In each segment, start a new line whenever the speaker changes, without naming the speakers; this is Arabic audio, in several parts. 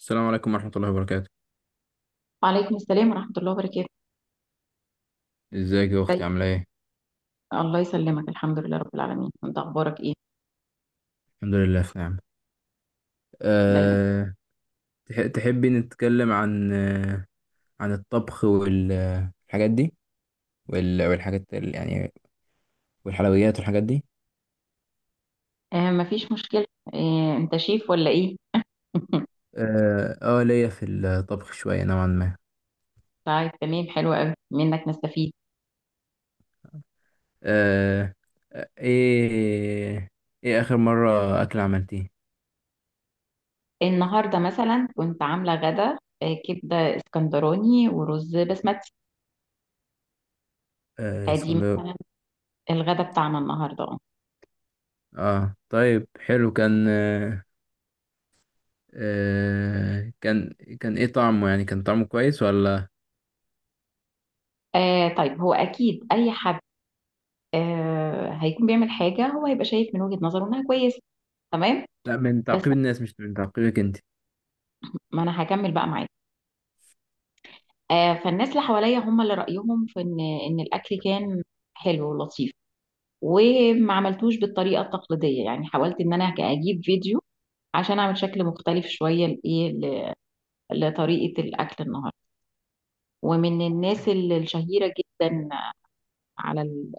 السلام عليكم ورحمة الله وبركاته.
وعليكم السلام ورحمة الله وبركاته.
ازيك يا أختي،
ازيك؟
عاملة ايه؟
الله يسلمك. الحمد لله رب العالمين. انت اخبارك ايه؟
الحمد لله في نعمة.
دايما.
أه. تحبي نتكلم عن عن الطبخ والحاجات دي، والحاجات يعني، والحلويات والحاجات دي.
مفيش مشكلة. انت شيف ولا ايه؟
ليا في الطبخ شوية نوعا ما.
طيب تمام، حلو قوي منك نستفيد.
أه آه، ايه ايه آخر مرة أكل عملتيه؟
النهاردة مثلا كنت عاملة غدا كبدة اسكندراني ورز بسمتي. فدي
اسكندر.
مثلا الغدا بتاعنا النهاردة
اه طيب، حلو. آه، كان كان ايه طعمه؟ يعني كان طعمه كويس ولا؟
طيب هو اكيد اي حد هيكون بيعمل حاجة، هو هيبقى شايف من وجهة نظره انها كويسة. تمام.
لا، من
بس
تعقيب الناس مش من تعقيبك انت.
ما انا هكمل بقى معاك. فالناس اللي حواليا هم اللي رأيهم في ان الاكل كان حلو ولطيف، وما عملتوش بالطريقة التقليدية. يعني حاولت ان انا اجيب فيديو عشان اعمل شكل مختلف شوية لايه، لطريقة الاكل النهاردة. ومن الناس الشهيرة جدا على ال-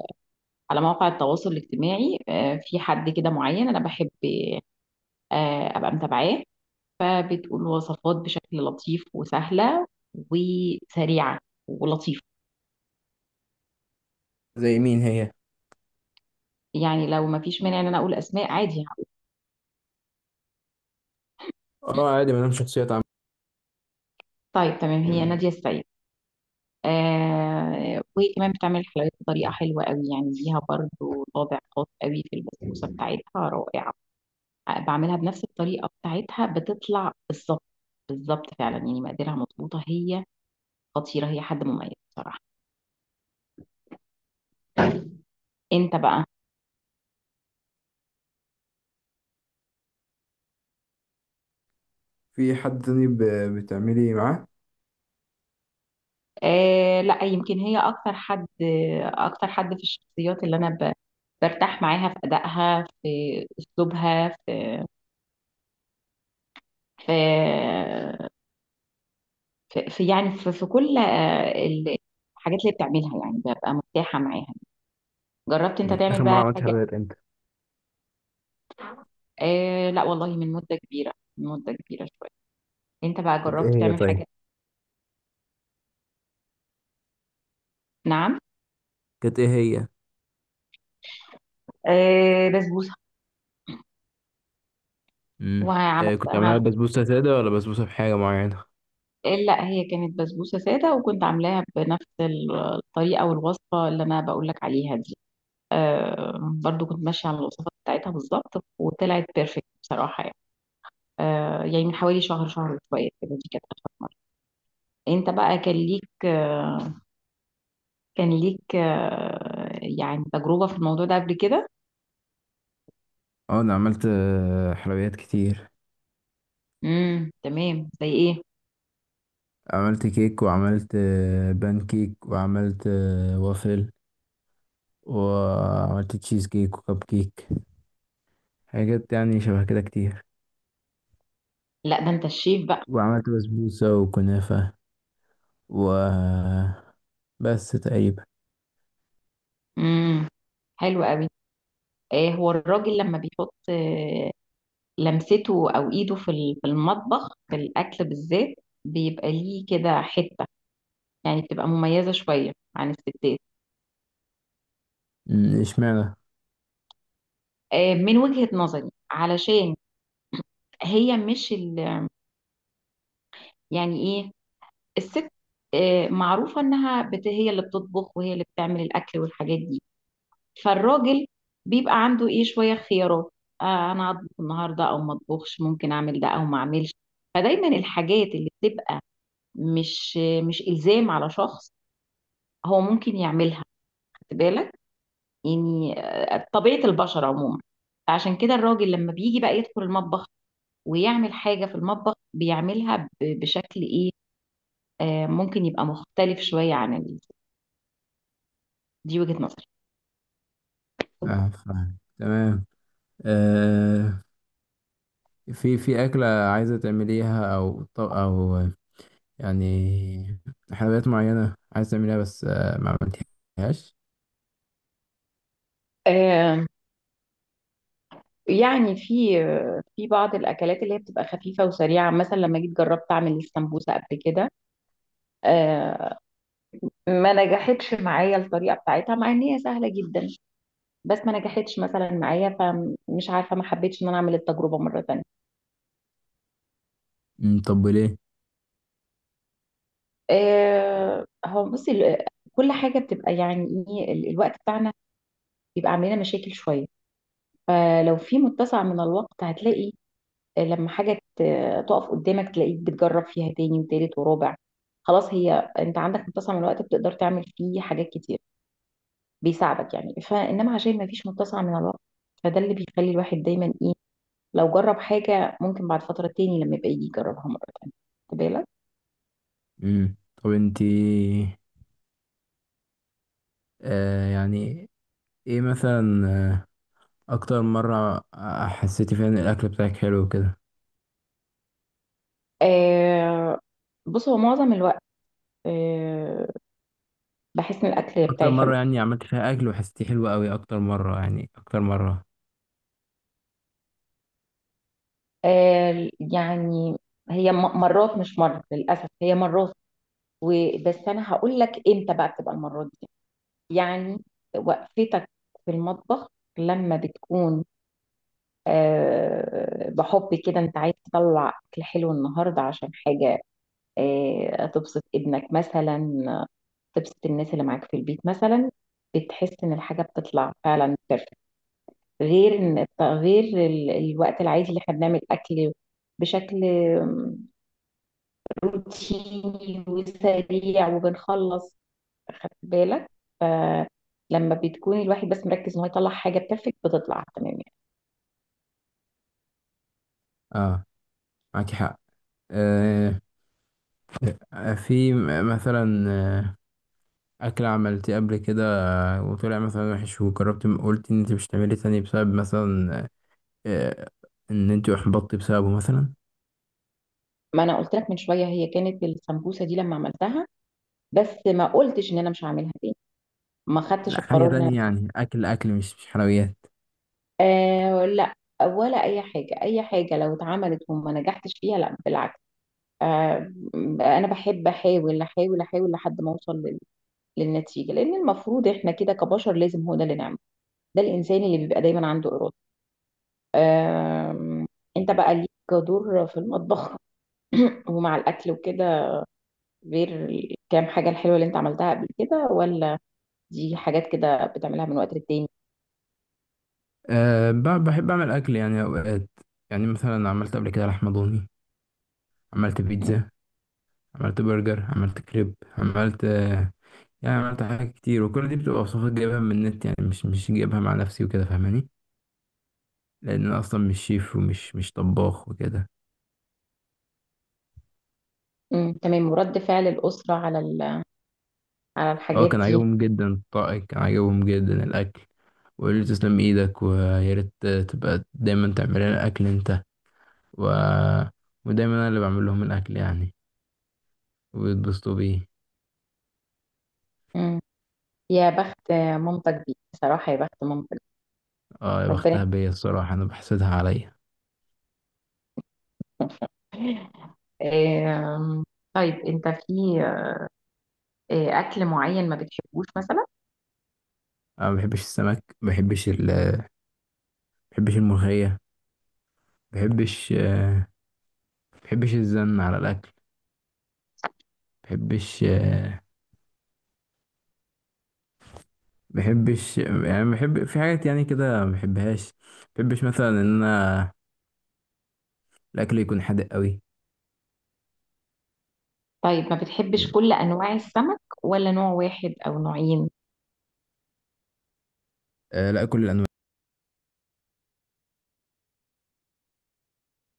على مواقع التواصل الاجتماعي، في حد كده معين انا بحب ابقى متابعاه. فبتقول وصفات بشكل لطيف، وسهلة وسريعة ولطيفة.
زي مين هي؟
يعني لو ما فيش مانع ان انا اقول اسماء عادي،
اه عادي، ما دام شخصية تعب.
طيب تمام، هي نادية السيد. وهي كمان بتعمل الحلويات بطريقة حلوة قوي، يعني ليها برضو طابع خاص قوي. في البسبوسة بتاعتها رائعة. بعملها بنفس الطريقة بتاعتها بتطلع بالظبط بالظبط فعلا، يعني مقاديرها مظبوطة. هي خطيرة، هي حد مميز بصراحة. انت بقى؟
في حد تاني بتعملي معاه؟
لا، يمكن هي اكتر حد، اكتر حد في الشخصيات اللي انا برتاح معاها في ادائها، في اسلوبها، في في في يعني في كل الحاجات اللي بتعملها، يعني ببقى مرتاحة معاها. جربت انت
اخر
تعمل
مرة
بقى
عملت
حاجة؟
حلويات امتى؟
لا والله، من مدة كبيرة، من مدة كبيرة شوية. انت بقى
كانت ايه
جربت
هي،
تعمل
طيب؟
حاجة؟ نعم.
كانت ايه هي؟
بسبوسة.
امم. كنت
وعملتها
عاملها بسبوسة سادة ولا بسبوسة بحاجة معينة؟
لا، هي كانت بسبوسة سادة، وكنت عاملاها بنفس الطريقة والوصفة اللي انا بقول لك عليها دي. برضو كنت ماشية على الوصفة بتاعتها بالظبط، وطلعت بيرفكت بصراحة يعني. يعني من حوالي شهر، شهر شوية كده، دي كانت آخر مرة. انت بقى كان ليك يعني تجربة في الموضوع ده قبل كده؟
اه انا عملت حلويات كتير.
تمام. زي ايه؟
عملت كيك، وعملت بان كيك، وعملت وافل، وعملت تشيز كيك وكب كيك. حاجات يعني شبه كده كتير.
لا ده انت الشيف بقى.
وعملت بسبوسة وكنافة، و بس تقريبا.
امم حلو قوي. ايه هو الراجل لما بيحط لمسته او ايده في المطبخ في الاكل بالذات، بيبقى ليه كده حتة، يعني بتبقى مميزة شوية عن الستات.
اشمعنى؟
من وجهة نظري، علشان هي مش ال... يعني ايه، الست معروفة انها هي اللي بتطبخ وهي اللي بتعمل الاكل والحاجات دي. فالراجل بيبقى عنده ايه، شوية خيارات. انا هطبخ النهاردة او ما اطبخش، ممكن اعمل ده او ما اعملش. فدايما الحاجات اللي بتبقى مش مش الزام على شخص، هو ممكن يعملها. خد بالك. يعني طبيعة البشر عموما. فعشان كده الراجل لما بيجي بقى يدخل المطبخ ويعمل حاجة في المطبخ، بيعملها بشكل ايه، ممكن يبقى مختلف شوية دي وجهة نظري.
اه فاهم تمام. آه في أكلة عايزة تعمليها، أو يعني حلويات معينة عايزة تعمليها، بس ما عملتيهاش؟
آه، يعني في في بعض الاكلات اللي هي بتبقى خفيفه وسريعه. مثلا لما جيت جربت اعمل السمبوسه قبل كده، آه، ما نجحتش معايا الطريقه بتاعتها مع ان هي سهله جدا. بس ما نجحتش مثلا معايا، فمش عارفه، ما حبيتش ان انا اعمل التجربه مره تانية.
طب ليه؟
هو بصي، كل حاجه بتبقى يعني ايه، الوقت بتاعنا بيبقى عاملنا مشاكل شويه. فلو في متسع من الوقت، هتلاقي لما حاجة تقف قدامك تلاقيك بتجرب فيها تاني وتالت ورابع. خلاص، هي انت عندك متسع من الوقت، بتقدر تعمل فيه حاجات كتير، بيساعدك يعني. فانما عشان ما فيش متسع من الوقت، فده اللي بيخلي الواحد دايما ايه، لو جرب حاجة ممكن بعد فترة تاني لما يبقى يجي يجربها مرة تانية. خد بالك.
أمم، طب انتي، يعني، ايه مثلا أكتر مرة حسيتي فيها إن الأكل بتاعك حلو كده؟
آه بص، هو معظم الوقت آه بحس ان الاكل
أكتر
بتاعي حلو.
مرة يعني عملتي فيها أكل وحسيتيه حلو أوي، أكتر مرة يعني أكتر مرة؟
يعني هي مرات، مش مرة للاسف، هي مرات. وبس انا هقول لك امتى بقى بتبقى المرات دي، يعني وقفتك في المطبخ لما بتكون بحب كده، انت عايز تطلع اكل حلو النهارده عشان حاجه، تبسط ابنك مثلا، آه، تبسط الناس اللي معاك في البيت مثلا. بتحس ان الحاجه بتطلع فعلا بيرفكت، غير ان غير ال- الوقت العادي اللي احنا بنعمل اكل بشكل روتيني وسريع وبنخلص. خدت بالك؟ فلما بتكون الواحد بس مركز ان هو يطلع حاجه بيرفكت، بتطلع تمام يعني.
اه معاكي حق. آه، في مثلا أكلة عملتيه قبل كده، وطلع مثلا وحش، وجربت قلت إن أنت مش هتعملي تاني بسبب مثلا، آه، إن أنت أحبطتي بسببه مثلا.
ما انا قلت لك من شويه، هي كانت السمبوسه دي لما عملتها. بس ما قلتش ان انا مش هعملها تاني، ما خدتش
لا، حاجة
القرار ان انا.
تانية يعني، أكل مش حلويات.
لا، ولا اي حاجه، اي حاجه لو اتعملت وما نجحتش فيها لا بالعكس. آه انا بحب احاول احاول احاول لحد ما اوصل للنتيجه، لان المفروض احنا كده كبشر لازم هو ده اللي نعمله. ده الانسان اللي بيبقى دايما عنده اراده. آه انت بقى ليك دور في المطبخ ومع الأكل وكده؟ غير الكام حاجة الحلوة اللي أنت عملتها قبل كده، ولا دي حاجات كده بتعملها من وقت للتاني؟
بحب أعمل أكل يعني أوقات. يعني مثلا عملت قبل كده لحمة ضاني، عملت
مم.
بيتزا، عملت برجر، عملت كريب، عملت يعني عملت حاجات كتير. وكل دي بتبقى وصفات جايبها من النت يعني، مش جايبها مع نفسي وكده، فاهماني؟ لان انا اصلا مش شيف، ومش مش طباخ وكده.
مم. تمام. ورد فعل الأسرة على
اه
الحاجات
كان
دي؟
عاجبهم جدا الطاقة، كان عاجبهم جدا الاكل. وقالوا لي تسلم ايدك، ويا ريت تبقى دايما تعمل لنا الاكل انت، و... ودايما انا اللي بعمل لهم الاكل يعني، ويتبسطوا بيه.
مم. يا بخت مامتك دي، بصراحة يا بخت مامتك.
اه يا
ربنا.
بختها بيا، الصراحة انا بحسدها عليا.
آم، طيب أنت في أكل معين ما بتحبوش مثلا؟
انا ما بحبش السمك، ما بحبش ما بحبش الملوخية، ما بحبش ما بحبش الزن على الاكل، ما بحبش ما بحبش يعني، بحب في حاجات يعني كده ما بحبهاش، ما بحبش مثلا ان انا الاكل يكون حادق قوي.
طيب ما بتحبش كل أنواع السمك ولا نوع واحد أو نوعين؟
آه، لا، كل الانواع.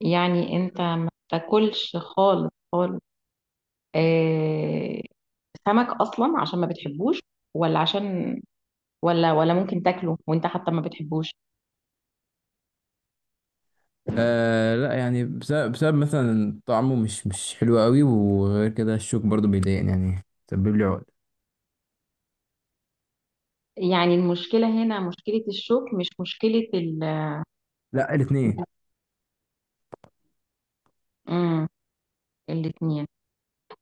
يعني أنت ما تاكلش خالص خالص، آه، سمك اصلا عشان ما بتحبوش؟ ولا عشان، ولا ممكن تاكله وانت حتى ما بتحبوش؟
آه، لا يعني، بسبب, مثلا طعمه مش حلو قوي، وغير كده الشوك برضو بيضايقني يعني. سبب لي عقد.
يعني المشكله هنا مشكله الشوك مش مشكله ال.
لا، الاثنين.
امم الاثنين.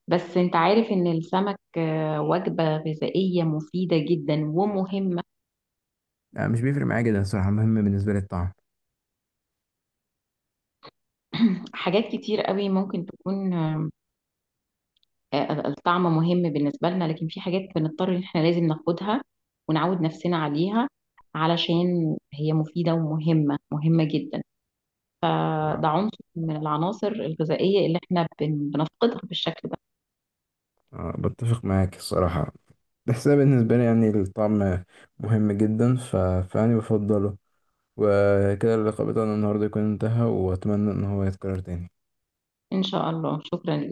بس انت عارف ان السمك وجبه غذائيه مفيده جدا ومهمه.
لا، مش بيفرق معايا جدا الصراحه. مهم بالنسبه لي الطعم.
حاجات كتير قوي ممكن تكون الطعم مهم بالنسبة لنا، لكن في حاجات بنضطر ان احنا لازم ناخدها ونعود نفسنا عليها علشان هي مفيدة ومهمة، مهمة جدا. فده
آه.
عنصر من العناصر الغذائية اللي احنا بنفقدها بالشكل ده.
آه، بتفق معاك الصراحة، بس أنا بالنسبة لي يعني الطعم مهم جدا، فأنا بفضله. وكده اللقاء بتاعنا النهاردة يكون انتهى، وأتمنى إن هو يتكرر تاني.
إن شاء الله، شكرا.